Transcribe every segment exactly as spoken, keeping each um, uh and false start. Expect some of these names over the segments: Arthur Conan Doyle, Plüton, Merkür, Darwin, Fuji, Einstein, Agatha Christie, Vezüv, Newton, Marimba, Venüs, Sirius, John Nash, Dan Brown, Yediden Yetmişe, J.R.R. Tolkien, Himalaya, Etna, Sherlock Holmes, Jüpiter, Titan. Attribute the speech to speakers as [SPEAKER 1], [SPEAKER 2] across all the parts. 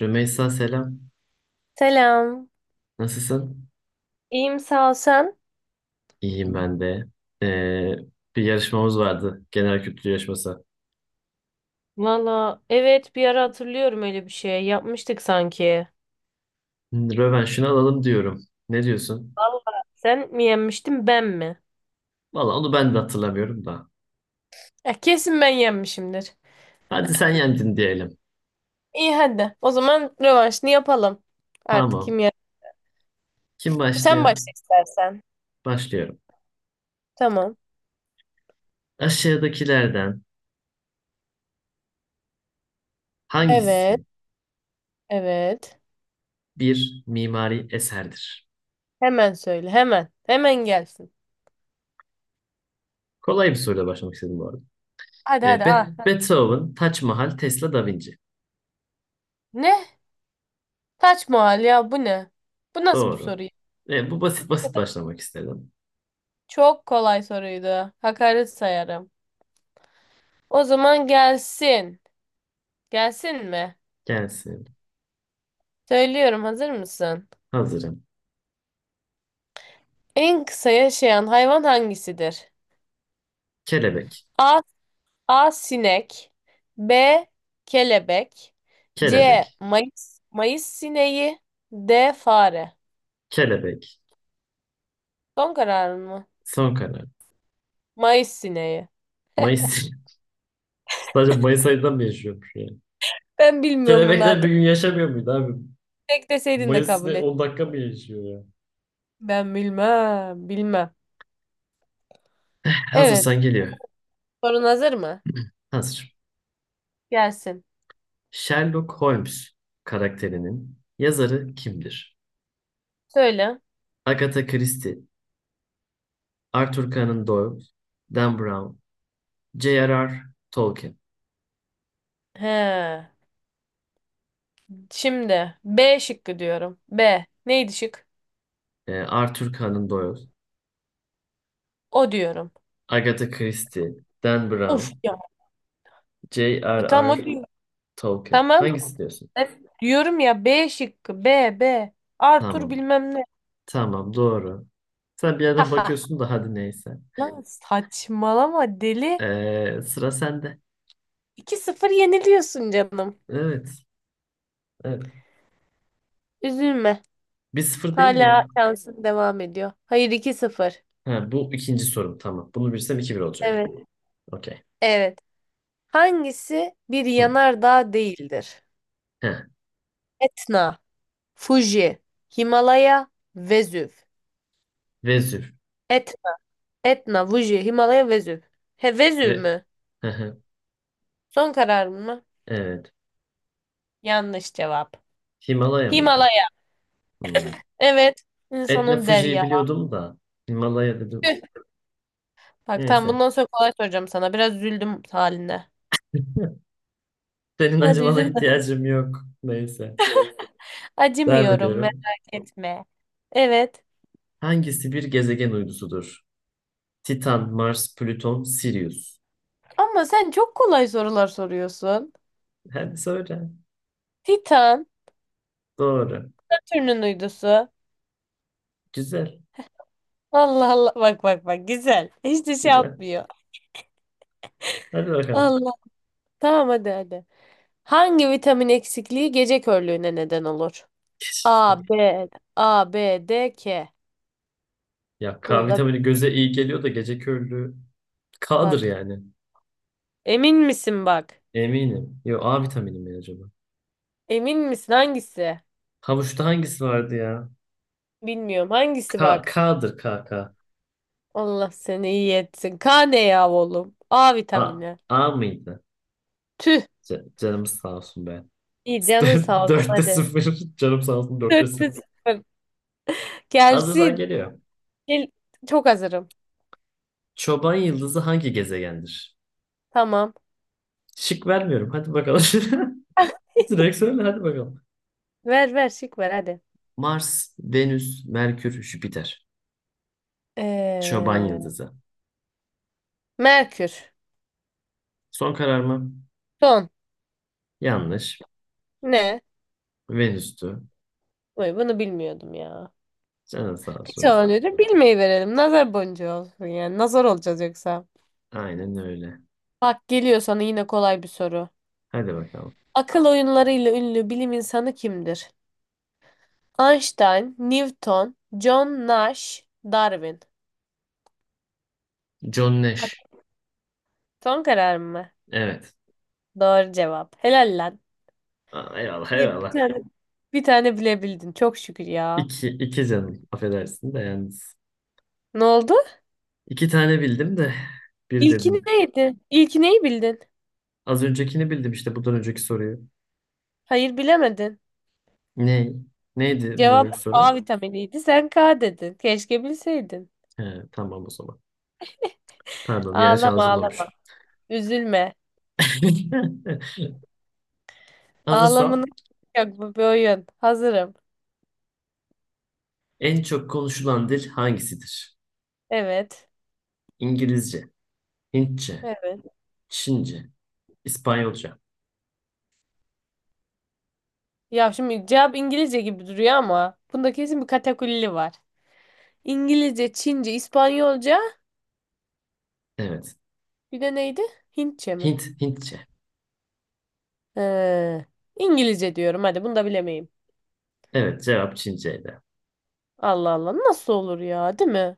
[SPEAKER 1] Rümeysa selam.
[SPEAKER 2] Selam.
[SPEAKER 1] Nasılsın?
[SPEAKER 2] İyiyim sağ ol sen.
[SPEAKER 1] İyiyim ben de. Ee, bir yarışmamız vardı. Genel kültür yarışması.
[SPEAKER 2] Valla evet bir ara hatırlıyorum öyle bir şey. Yapmıştık sanki.
[SPEAKER 1] Hmm, Rövanşını alalım diyorum. Ne diyorsun?
[SPEAKER 2] Valla sen mi yenmiştin ben mi?
[SPEAKER 1] Valla onu ben de hatırlamıyorum da.
[SPEAKER 2] Eh, kesin ben yenmişimdir.
[SPEAKER 1] Hadi sen yendin diyelim.
[SPEAKER 2] İyi hadi. O zaman rövanşını yapalım. Artık
[SPEAKER 1] Tamam.
[SPEAKER 2] kim yer?
[SPEAKER 1] Kim
[SPEAKER 2] Sen
[SPEAKER 1] başlıyor?
[SPEAKER 2] başla istersen.
[SPEAKER 1] Başlıyorum.
[SPEAKER 2] Tamam.
[SPEAKER 1] Aşağıdakilerden
[SPEAKER 2] Evet.
[SPEAKER 1] hangisi
[SPEAKER 2] Evet.
[SPEAKER 1] bir mimari eserdir?
[SPEAKER 2] Hemen söyle. Hemen. Hemen gelsin.
[SPEAKER 1] Kolay bir soruyla başlamak istedim bu arada.
[SPEAKER 2] Hadi
[SPEAKER 1] Ee,
[SPEAKER 2] hadi.
[SPEAKER 1] Be-
[SPEAKER 2] Ah.
[SPEAKER 1] Beethoven, Taç Mahal, Tesla, Da Vinci.
[SPEAKER 2] Ne? Taç mahal ya bu ne? Bu nasıl bir
[SPEAKER 1] Doğru.
[SPEAKER 2] soru ya?
[SPEAKER 1] Ee, bu
[SPEAKER 2] Ne
[SPEAKER 1] basit basit
[SPEAKER 2] kadar-
[SPEAKER 1] başlamak istedim.
[SPEAKER 2] Çok kolay soruydu. Hakaret sayarım. O zaman gelsin. Gelsin mi?
[SPEAKER 1] Gelsin.
[SPEAKER 2] Söylüyorum, hazır mısın?
[SPEAKER 1] Hazırım.
[SPEAKER 2] En kısa yaşayan hayvan hangisidir?
[SPEAKER 1] Kelebek,
[SPEAKER 2] A. A. Sinek. B. Kelebek.
[SPEAKER 1] kelebek,
[SPEAKER 2] C. Mayıs, Mayıs sineği. D. Fare.
[SPEAKER 1] kelebek.
[SPEAKER 2] Son kararın mı?
[SPEAKER 1] Son karar.
[SPEAKER 2] Mayıs sineği.
[SPEAKER 1] Mayıs. Sadece Mayıs ayından mı yaşıyormuş yani?
[SPEAKER 2] Ben bilmiyorum bunu
[SPEAKER 1] Kelebekler bir
[SPEAKER 2] artık.
[SPEAKER 1] gün yaşamıyor muydu abi?
[SPEAKER 2] Tek deseydin de kabul
[SPEAKER 1] Mayıs'ta
[SPEAKER 2] et.
[SPEAKER 1] on dakika mı yaşıyor ya?
[SPEAKER 2] Ben bilmem, bilmem. Evet,
[SPEAKER 1] Hazırsan geliyor.
[SPEAKER 2] sorun hazır mı?
[SPEAKER 1] Hazır.
[SPEAKER 2] Gelsin.
[SPEAKER 1] Sherlock Holmes karakterinin yazarı kimdir?
[SPEAKER 2] Söyle.
[SPEAKER 1] Agatha Christie, Arthur Conan Doyle, Dan Brown, J R R. Tolkien.
[SPEAKER 2] He. Şimdi B şıkkı diyorum. B. Neydi şık?
[SPEAKER 1] Ee, Arthur Conan Doyle,
[SPEAKER 2] O diyorum.
[SPEAKER 1] Agatha Christie, Dan
[SPEAKER 2] Of
[SPEAKER 1] Brown,
[SPEAKER 2] ya. E, tam
[SPEAKER 1] J R R.
[SPEAKER 2] o diyorum.
[SPEAKER 1] Tolkien.
[SPEAKER 2] Tamam.
[SPEAKER 1] Hangisi diyorsun?
[SPEAKER 2] E, Diyorum ya B şıkkı. B, B. Arthur
[SPEAKER 1] Tamam.
[SPEAKER 2] bilmem ne.
[SPEAKER 1] Tamam doğru. Sen bir yerden bakıyorsun da hadi neyse.
[SPEAKER 2] Lan saçmalama deli.
[SPEAKER 1] Ee, sıra sende.
[SPEAKER 2] iki sıfır yeniliyorsun canım.
[SPEAKER 1] Evet. Evet.
[SPEAKER 2] Üzülme.
[SPEAKER 1] Bir sıfır değil mi ya?
[SPEAKER 2] Hala şansın devam ediyor. Hayır, iki sıfır.
[SPEAKER 1] Ha, bu ikinci sorum tamam. Bunu bilsem iki bir olacak.
[SPEAKER 2] Evet.
[SPEAKER 1] Okey.
[SPEAKER 2] Evet. Hangisi bir
[SPEAKER 1] Hı.
[SPEAKER 2] yanardağ değildir?
[SPEAKER 1] Ha,
[SPEAKER 2] Etna, Fuji, Himalaya, Vezüv.
[SPEAKER 1] Vezüv.
[SPEAKER 2] Et, Etna, Fuji, Himalaya, Vezüv. He, Vezüv
[SPEAKER 1] Ve...
[SPEAKER 2] mü?
[SPEAKER 1] Hı hı.
[SPEAKER 2] Son kararın mı?
[SPEAKER 1] Evet.
[SPEAKER 2] Yanlış cevap.
[SPEAKER 1] Himalaya mıydı?
[SPEAKER 2] Himalaya.
[SPEAKER 1] Hı.
[SPEAKER 2] Evet.
[SPEAKER 1] Etna
[SPEAKER 2] İnsanın
[SPEAKER 1] Fuji'yi
[SPEAKER 2] derya.
[SPEAKER 1] biliyordum da. Himalaya dedim.
[SPEAKER 2] Tüh. Bak tamam,
[SPEAKER 1] Neyse.
[SPEAKER 2] bundan sonra kolay soracağım sana. Biraz üzüldüm haline.
[SPEAKER 1] Senin
[SPEAKER 2] Hadi
[SPEAKER 1] acımana
[SPEAKER 2] üzülme.
[SPEAKER 1] ihtiyacım yok. Neyse. Devam
[SPEAKER 2] Acımıyorum,
[SPEAKER 1] ediyorum.
[SPEAKER 2] merak etme. Evet.
[SPEAKER 1] Hangisi bir gezegen uydusudur? Titan, Mars, Plüton, Sirius.
[SPEAKER 2] Ama sen çok kolay sorular soruyorsun.
[SPEAKER 1] Hadi söyle.
[SPEAKER 2] Titan.
[SPEAKER 1] Doğru.
[SPEAKER 2] Satürn'ün uydusu.
[SPEAKER 1] Güzel.
[SPEAKER 2] Allah Allah. Bak bak bak, güzel. Hiç de şey
[SPEAKER 1] Güzel.
[SPEAKER 2] yapmıyor.
[SPEAKER 1] Hadi bakalım.
[SPEAKER 2] Allah. Tamam hadi hadi. Hangi vitamin eksikliği gece körlüğüne neden olur? A, B, A, B, D, K.
[SPEAKER 1] Ya K
[SPEAKER 2] Bunu da
[SPEAKER 1] vitamini göze iyi geliyor da gece körlüğü K'dır
[SPEAKER 2] bak.
[SPEAKER 1] yani.
[SPEAKER 2] Emin misin bak?
[SPEAKER 1] Eminim. Yo A vitamini mi acaba?
[SPEAKER 2] Emin misin hangisi?
[SPEAKER 1] Havuçta hangisi vardı ya?
[SPEAKER 2] Bilmiyorum hangisi
[SPEAKER 1] K,
[SPEAKER 2] bak.
[SPEAKER 1] K'dır K, K.
[SPEAKER 2] Allah seni iyi etsin. K ne ya oğlum? A
[SPEAKER 1] A,
[SPEAKER 2] vitamini.
[SPEAKER 1] A mıydı?
[SPEAKER 2] Tüh.
[SPEAKER 1] C- canımız sağ olsun be.
[SPEAKER 2] İyi canın sağ olsun
[SPEAKER 1] Dörtte
[SPEAKER 2] hadi.
[SPEAKER 1] sıfır. Canım sağ olsun dörtte
[SPEAKER 2] Dörtte
[SPEAKER 1] sıfır.
[SPEAKER 2] sıfır.
[SPEAKER 1] Hazırsan
[SPEAKER 2] Gelsin.
[SPEAKER 1] geliyor.
[SPEAKER 2] Gel. Çok hazırım.
[SPEAKER 1] Çoban yıldızı hangi gezegendir?
[SPEAKER 2] Tamam.
[SPEAKER 1] Şık vermiyorum. Hadi bakalım. Direkt söyle hadi bakalım.
[SPEAKER 2] Ver ver şık ver hadi.
[SPEAKER 1] Mars, Venüs, Merkür, Jüpiter. Çoban
[SPEAKER 2] Ee,
[SPEAKER 1] Yıldızı.
[SPEAKER 2] Merkür.
[SPEAKER 1] Son karar mı?
[SPEAKER 2] Son.
[SPEAKER 1] Yanlış.
[SPEAKER 2] Ne?
[SPEAKER 1] Venüs'tü.
[SPEAKER 2] Vay, bunu bilmiyordum ya.
[SPEAKER 1] Canın sağ
[SPEAKER 2] Hiç
[SPEAKER 1] olsun.
[SPEAKER 2] önemli bilmeyi verelim. Nazar boncuğu olsun yani. Nazar olacağız yoksa.
[SPEAKER 1] Aynen öyle.
[SPEAKER 2] Bak geliyor sana yine kolay bir soru.
[SPEAKER 1] Hadi bakalım.
[SPEAKER 2] Akıl oyunlarıyla ünlü bilim insanı kimdir? Einstein, Newton, John Nash, Darwin.
[SPEAKER 1] John
[SPEAKER 2] Bak,
[SPEAKER 1] Nash.
[SPEAKER 2] son karar mı?
[SPEAKER 1] Evet.
[SPEAKER 2] Doğru cevap. Helal lan.
[SPEAKER 1] Aa, eyvallah
[SPEAKER 2] İyi, bir
[SPEAKER 1] eyvallah.
[SPEAKER 2] tane, bir tane bilebildin. Çok şükür ya.
[SPEAKER 1] İki, iki canım. Affedersin de yalnız.
[SPEAKER 2] Ne oldu?
[SPEAKER 1] İki tane bildim de bir
[SPEAKER 2] İlki
[SPEAKER 1] dedin.
[SPEAKER 2] neydi? İlki neyi bildin?
[SPEAKER 1] Az öncekini bildim işte bundan önceki soruyu.
[SPEAKER 2] Hayır bilemedin.
[SPEAKER 1] Ne? Neydi bundan
[SPEAKER 2] Cevap
[SPEAKER 1] önceki
[SPEAKER 2] A
[SPEAKER 1] soru?
[SPEAKER 2] vitaminiydi. Sen K dedin. Keşke bilseydin.
[SPEAKER 1] He, tamam o zaman. Pardon bir yanlış
[SPEAKER 2] Ağlama ağlama.
[SPEAKER 1] anlaşılmamış.
[SPEAKER 2] Üzülme. Ağlamanın
[SPEAKER 1] Hazırsam
[SPEAKER 2] yok, bu bir oyun. Hazırım.
[SPEAKER 1] en çok konuşulan dil hangisidir?
[SPEAKER 2] Evet.
[SPEAKER 1] İngilizce, Hintçe,
[SPEAKER 2] Evet.
[SPEAKER 1] Çince, İspanyolca.
[SPEAKER 2] Ya şimdi cevap İngilizce gibi duruyor ama bunda kesin bir katakulli var. İngilizce, Çince, İspanyolca.
[SPEAKER 1] Evet.
[SPEAKER 2] Bir de neydi? Hintçe mi?
[SPEAKER 1] Hint, Hintçe.
[SPEAKER 2] He. İngilizce diyorum. Hadi bunu da bilemeyim.
[SPEAKER 1] Evet, cevap Çinceydi.
[SPEAKER 2] Allah Allah. Nasıl olur ya, değil mi?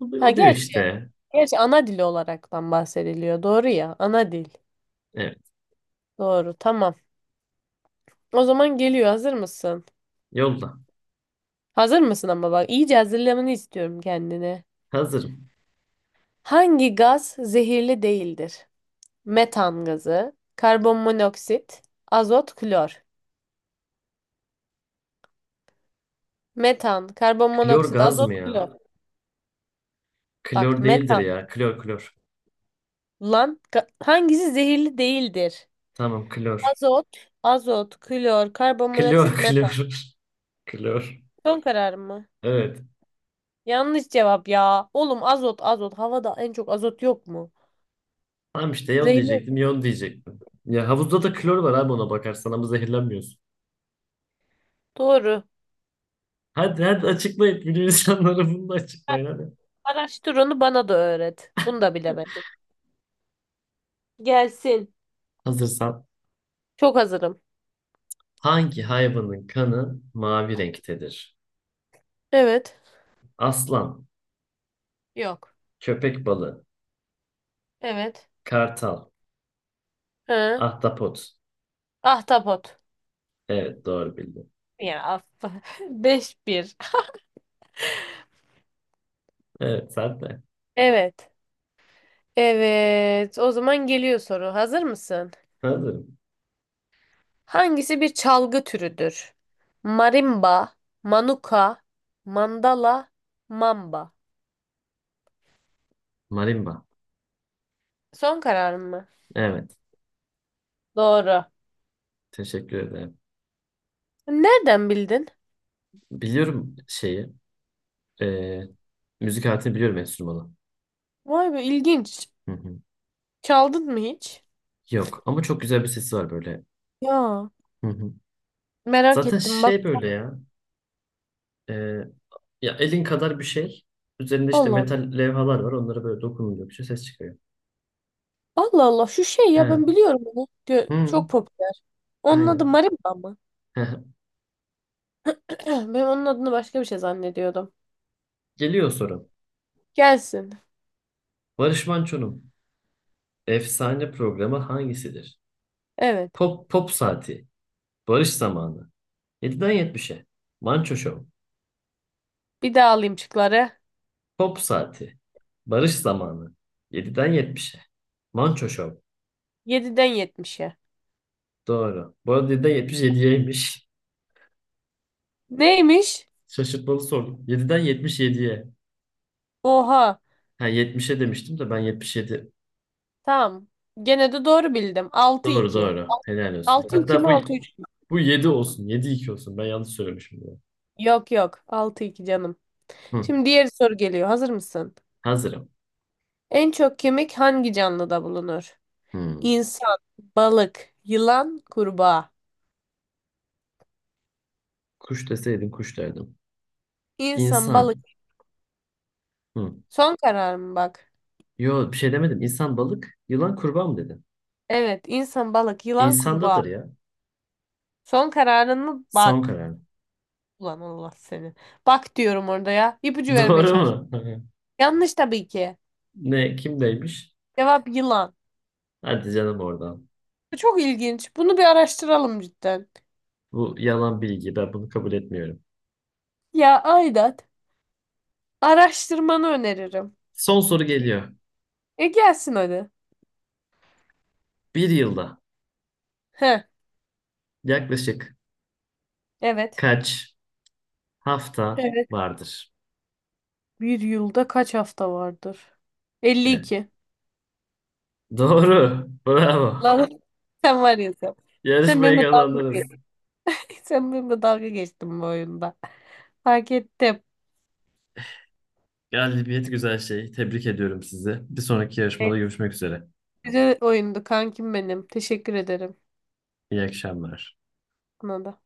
[SPEAKER 1] Oluyor,
[SPEAKER 2] Ha
[SPEAKER 1] oluyor
[SPEAKER 2] gerçi.
[SPEAKER 1] işte.
[SPEAKER 2] Gerçi ana dili olaraktan bahsediliyor. Doğru ya. Ana dil.
[SPEAKER 1] Evet,
[SPEAKER 2] Doğru. Tamam. O zaman geliyor. Hazır mısın?
[SPEAKER 1] yolla.
[SPEAKER 2] Hazır mısın ama bak, iyice hazırlamanı istiyorum kendine.
[SPEAKER 1] Hazırım.
[SPEAKER 2] Hangi gaz zehirli değildir? Metan gazı, karbon monoksit, azot, klor. Metan, karbon
[SPEAKER 1] Klor
[SPEAKER 2] monoksit,
[SPEAKER 1] gaz mı
[SPEAKER 2] azot,
[SPEAKER 1] ya?
[SPEAKER 2] klor. Bak
[SPEAKER 1] Klor değildir
[SPEAKER 2] metan.
[SPEAKER 1] ya. Klor, klor.
[SPEAKER 2] Lan ka- hangisi zehirli değildir?
[SPEAKER 1] Tamam, klor.
[SPEAKER 2] Azot, azot, klor,
[SPEAKER 1] Klor,
[SPEAKER 2] karbonmonoksit, metan.
[SPEAKER 1] klor. Klor.
[SPEAKER 2] Son karar mı?
[SPEAKER 1] Evet.
[SPEAKER 2] Yanlış cevap ya. Oğlum azot, azot. Havada en çok azot yok mu?
[SPEAKER 1] Tamam işte Yol
[SPEAKER 2] Zehirli.
[SPEAKER 1] diyecektim, Yol diyecektim. Ya havuzda da klor var abi ona bakarsan ama zehirlenmiyorsun.
[SPEAKER 2] Doğru.
[SPEAKER 1] Hadi hadi açıklayın. Bilim insanları bunu da
[SPEAKER 2] Bak,
[SPEAKER 1] açıklayın hadi.
[SPEAKER 2] araştır onu bana da öğret. Bunu da bilemedim. Gelsin.
[SPEAKER 1] Hazırsan.
[SPEAKER 2] Çok hazırım.
[SPEAKER 1] Hangi hayvanın kanı mavi renktedir?
[SPEAKER 2] Evet.
[SPEAKER 1] Aslan,
[SPEAKER 2] Yok.
[SPEAKER 1] köpek balığı,
[SPEAKER 2] Evet.
[SPEAKER 1] Kartal.
[SPEAKER 2] Hı.
[SPEAKER 1] Ahtapot.
[SPEAKER 2] Ahtapot.
[SPEAKER 1] Evet doğru bildin.
[SPEAKER 2] Ya af. Beş bir.
[SPEAKER 1] Evet sen de.
[SPEAKER 2] Evet. Evet. O zaman geliyor soru. Hazır mısın?
[SPEAKER 1] Hazırım.
[SPEAKER 2] Hangisi bir çalgı türüdür? Marimba, manuka, mandala, mamba.
[SPEAKER 1] Marimba.
[SPEAKER 2] Son kararın mı?
[SPEAKER 1] Evet.
[SPEAKER 2] Doğru.
[SPEAKER 1] Teşekkür ederim.
[SPEAKER 2] Nereden bildin?
[SPEAKER 1] Biliyorum şeyi. e, müzik aletini biliyorum enstrümanı.
[SPEAKER 2] Vay be, ilginç.
[SPEAKER 1] Hı hı.
[SPEAKER 2] Çaldın mı hiç?
[SPEAKER 1] Yok ama çok güzel bir sesi var böyle.
[SPEAKER 2] Ya
[SPEAKER 1] Hı hı.
[SPEAKER 2] merak
[SPEAKER 1] Zaten
[SPEAKER 2] ettim bak.
[SPEAKER 1] şey böyle ya. e, ya elin kadar bir şey. Üzerinde işte
[SPEAKER 2] Allah Allah.
[SPEAKER 1] metal levhalar var. Onlara böyle dokununca bir şey ses çıkıyor.
[SPEAKER 2] Allah Allah şu şey
[SPEAKER 1] He.
[SPEAKER 2] ya, ben biliyorum bunu. Gö-
[SPEAKER 1] Hı.
[SPEAKER 2] Çok popüler. Onun adı
[SPEAKER 1] Aynen.
[SPEAKER 2] marimba mı?
[SPEAKER 1] He.
[SPEAKER 2] Ben onun adını başka bir şey zannediyordum.
[SPEAKER 1] Geliyor soru.
[SPEAKER 2] Gelsin.
[SPEAKER 1] Barış Manço'nun efsane programı hangisidir?
[SPEAKER 2] Evet.
[SPEAKER 1] Pop, pop saati. Barış zamanı. Yediden yetmişe. Manço Show.
[SPEAKER 2] Bir daha alayım şıkları.
[SPEAKER 1] Pop saati. Barış zamanı. Yediden yetmişe. Manço Show.
[SPEAKER 2] yediden yetmişe.
[SPEAKER 1] Doğru. Bu arada yediden yetmiş yediyeymiş.
[SPEAKER 2] Neymiş?
[SPEAKER 1] Şaşırtmalı soru. Yediden yetmiş yediye.
[SPEAKER 2] Oha.
[SPEAKER 1] Ha yetmişe demiştim de ben yetmiş yedi.
[SPEAKER 2] Tamam. Gene de doğru bildim. Altı
[SPEAKER 1] Doğru
[SPEAKER 2] iki.
[SPEAKER 1] doğru. Helal olsun.
[SPEAKER 2] altı iki
[SPEAKER 1] Hatta
[SPEAKER 2] mi
[SPEAKER 1] bu
[SPEAKER 2] altı üç?
[SPEAKER 1] bu yedi olsun. Yedi iki olsun. Ben yanlış söylemişim bunu.
[SPEAKER 2] Yok yok. Altı iki canım.
[SPEAKER 1] Hı.
[SPEAKER 2] Şimdi diğer soru geliyor. Hazır mısın?
[SPEAKER 1] Hazırım.
[SPEAKER 2] En çok kemik hangi canlıda bulunur?
[SPEAKER 1] Hı.
[SPEAKER 2] İnsan, balık, yılan, kurbağa.
[SPEAKER 1] Kuş deseydin kuş derdim.
[SPEAKER 2] İnsan, balık.
[SPEAKER 1] İnsan. Hı.
[SPEAKER 2] Son kararım bak.
[SPEAKER 1] Yo bir şey demedim. İnsan balık. Yılan kurbağa mı dedim?
[SPEAKER 2] Evet, insan, balık, yılan, kurbağa.
[SPEAKER 1] İnsandadır ya.
[SPEAKER 2] Son kararın mı?
[SPEAKER 1] Son
[SPEAKER 2] Bak.
[SPEAKER 1] karar.
[SPEAKER 2] Ulan Allah seni. Bak diyorum orada ya. İpucu vermeye
[SPEAKER 1] Doğru
[SPEAKER 2] çalışıyorum.
[SPEAKER 1] mu?
[SPEAKER 2] Yanlış tabii ki.
[SPEAKER 1] Ne? Kimdeymiş?
[SPEAKER 2] Cevap yılan.
[SPEAKER 1] Hadi canım oradan.
[SPEAKER 2] Bu çok ilginç. Bunu bir araştıralım cidden.
[SPEAKER 1] Bu yalan bilgi. Ben bunu kabul etmiyorum.
[SPEAKER 2] Ya Ayda araştırmanı öneririm.
[SPEAKER 1] Son soru geliyor.
[SPEAKER 2] E gelsin hadi.
[SPEAKER 1] Bir yılda
[SPEAKER 2] He,
[SPEAKER 1] yaklaşık
[SPEAKER 2] evet.
[SPEAKER 1] kaç hafta
[SPEAKER 2] Evet.
[SPEAKER 1] vardır?
[SPEAKER 2] Bir yılda kaç hafta vardır?
[SPEAKER 1] Evet.
[SPEAKER 2] elli iki.
[SPEAKER 1] Doğru. Bravo.
[SPEAKER 2] Lan sen var ya sen. Sen
[SPEAKER 1] Yarışmayı
[SPEAKER 2] benimle dalga
[SPEAKER 1] kazandınız.
[SPEAKER 2] geçtin. Sen benimle dalga geçtin bu oyunda. Fark ettim.
[SPEAKER 1] Galibiyet güzel şey. Tebrik ediyorum sizi. Bir sonraki
[SPEAKER 2] Evet,
[SPEAKER 1] yarışmada görüşmek üzere.
[SPEAKER 2] güzel oyundu kankim benim. Teşekkür ederim.
[SPEAKER 1] İyi akşamlar.
[SPEAKER 2] Buna da.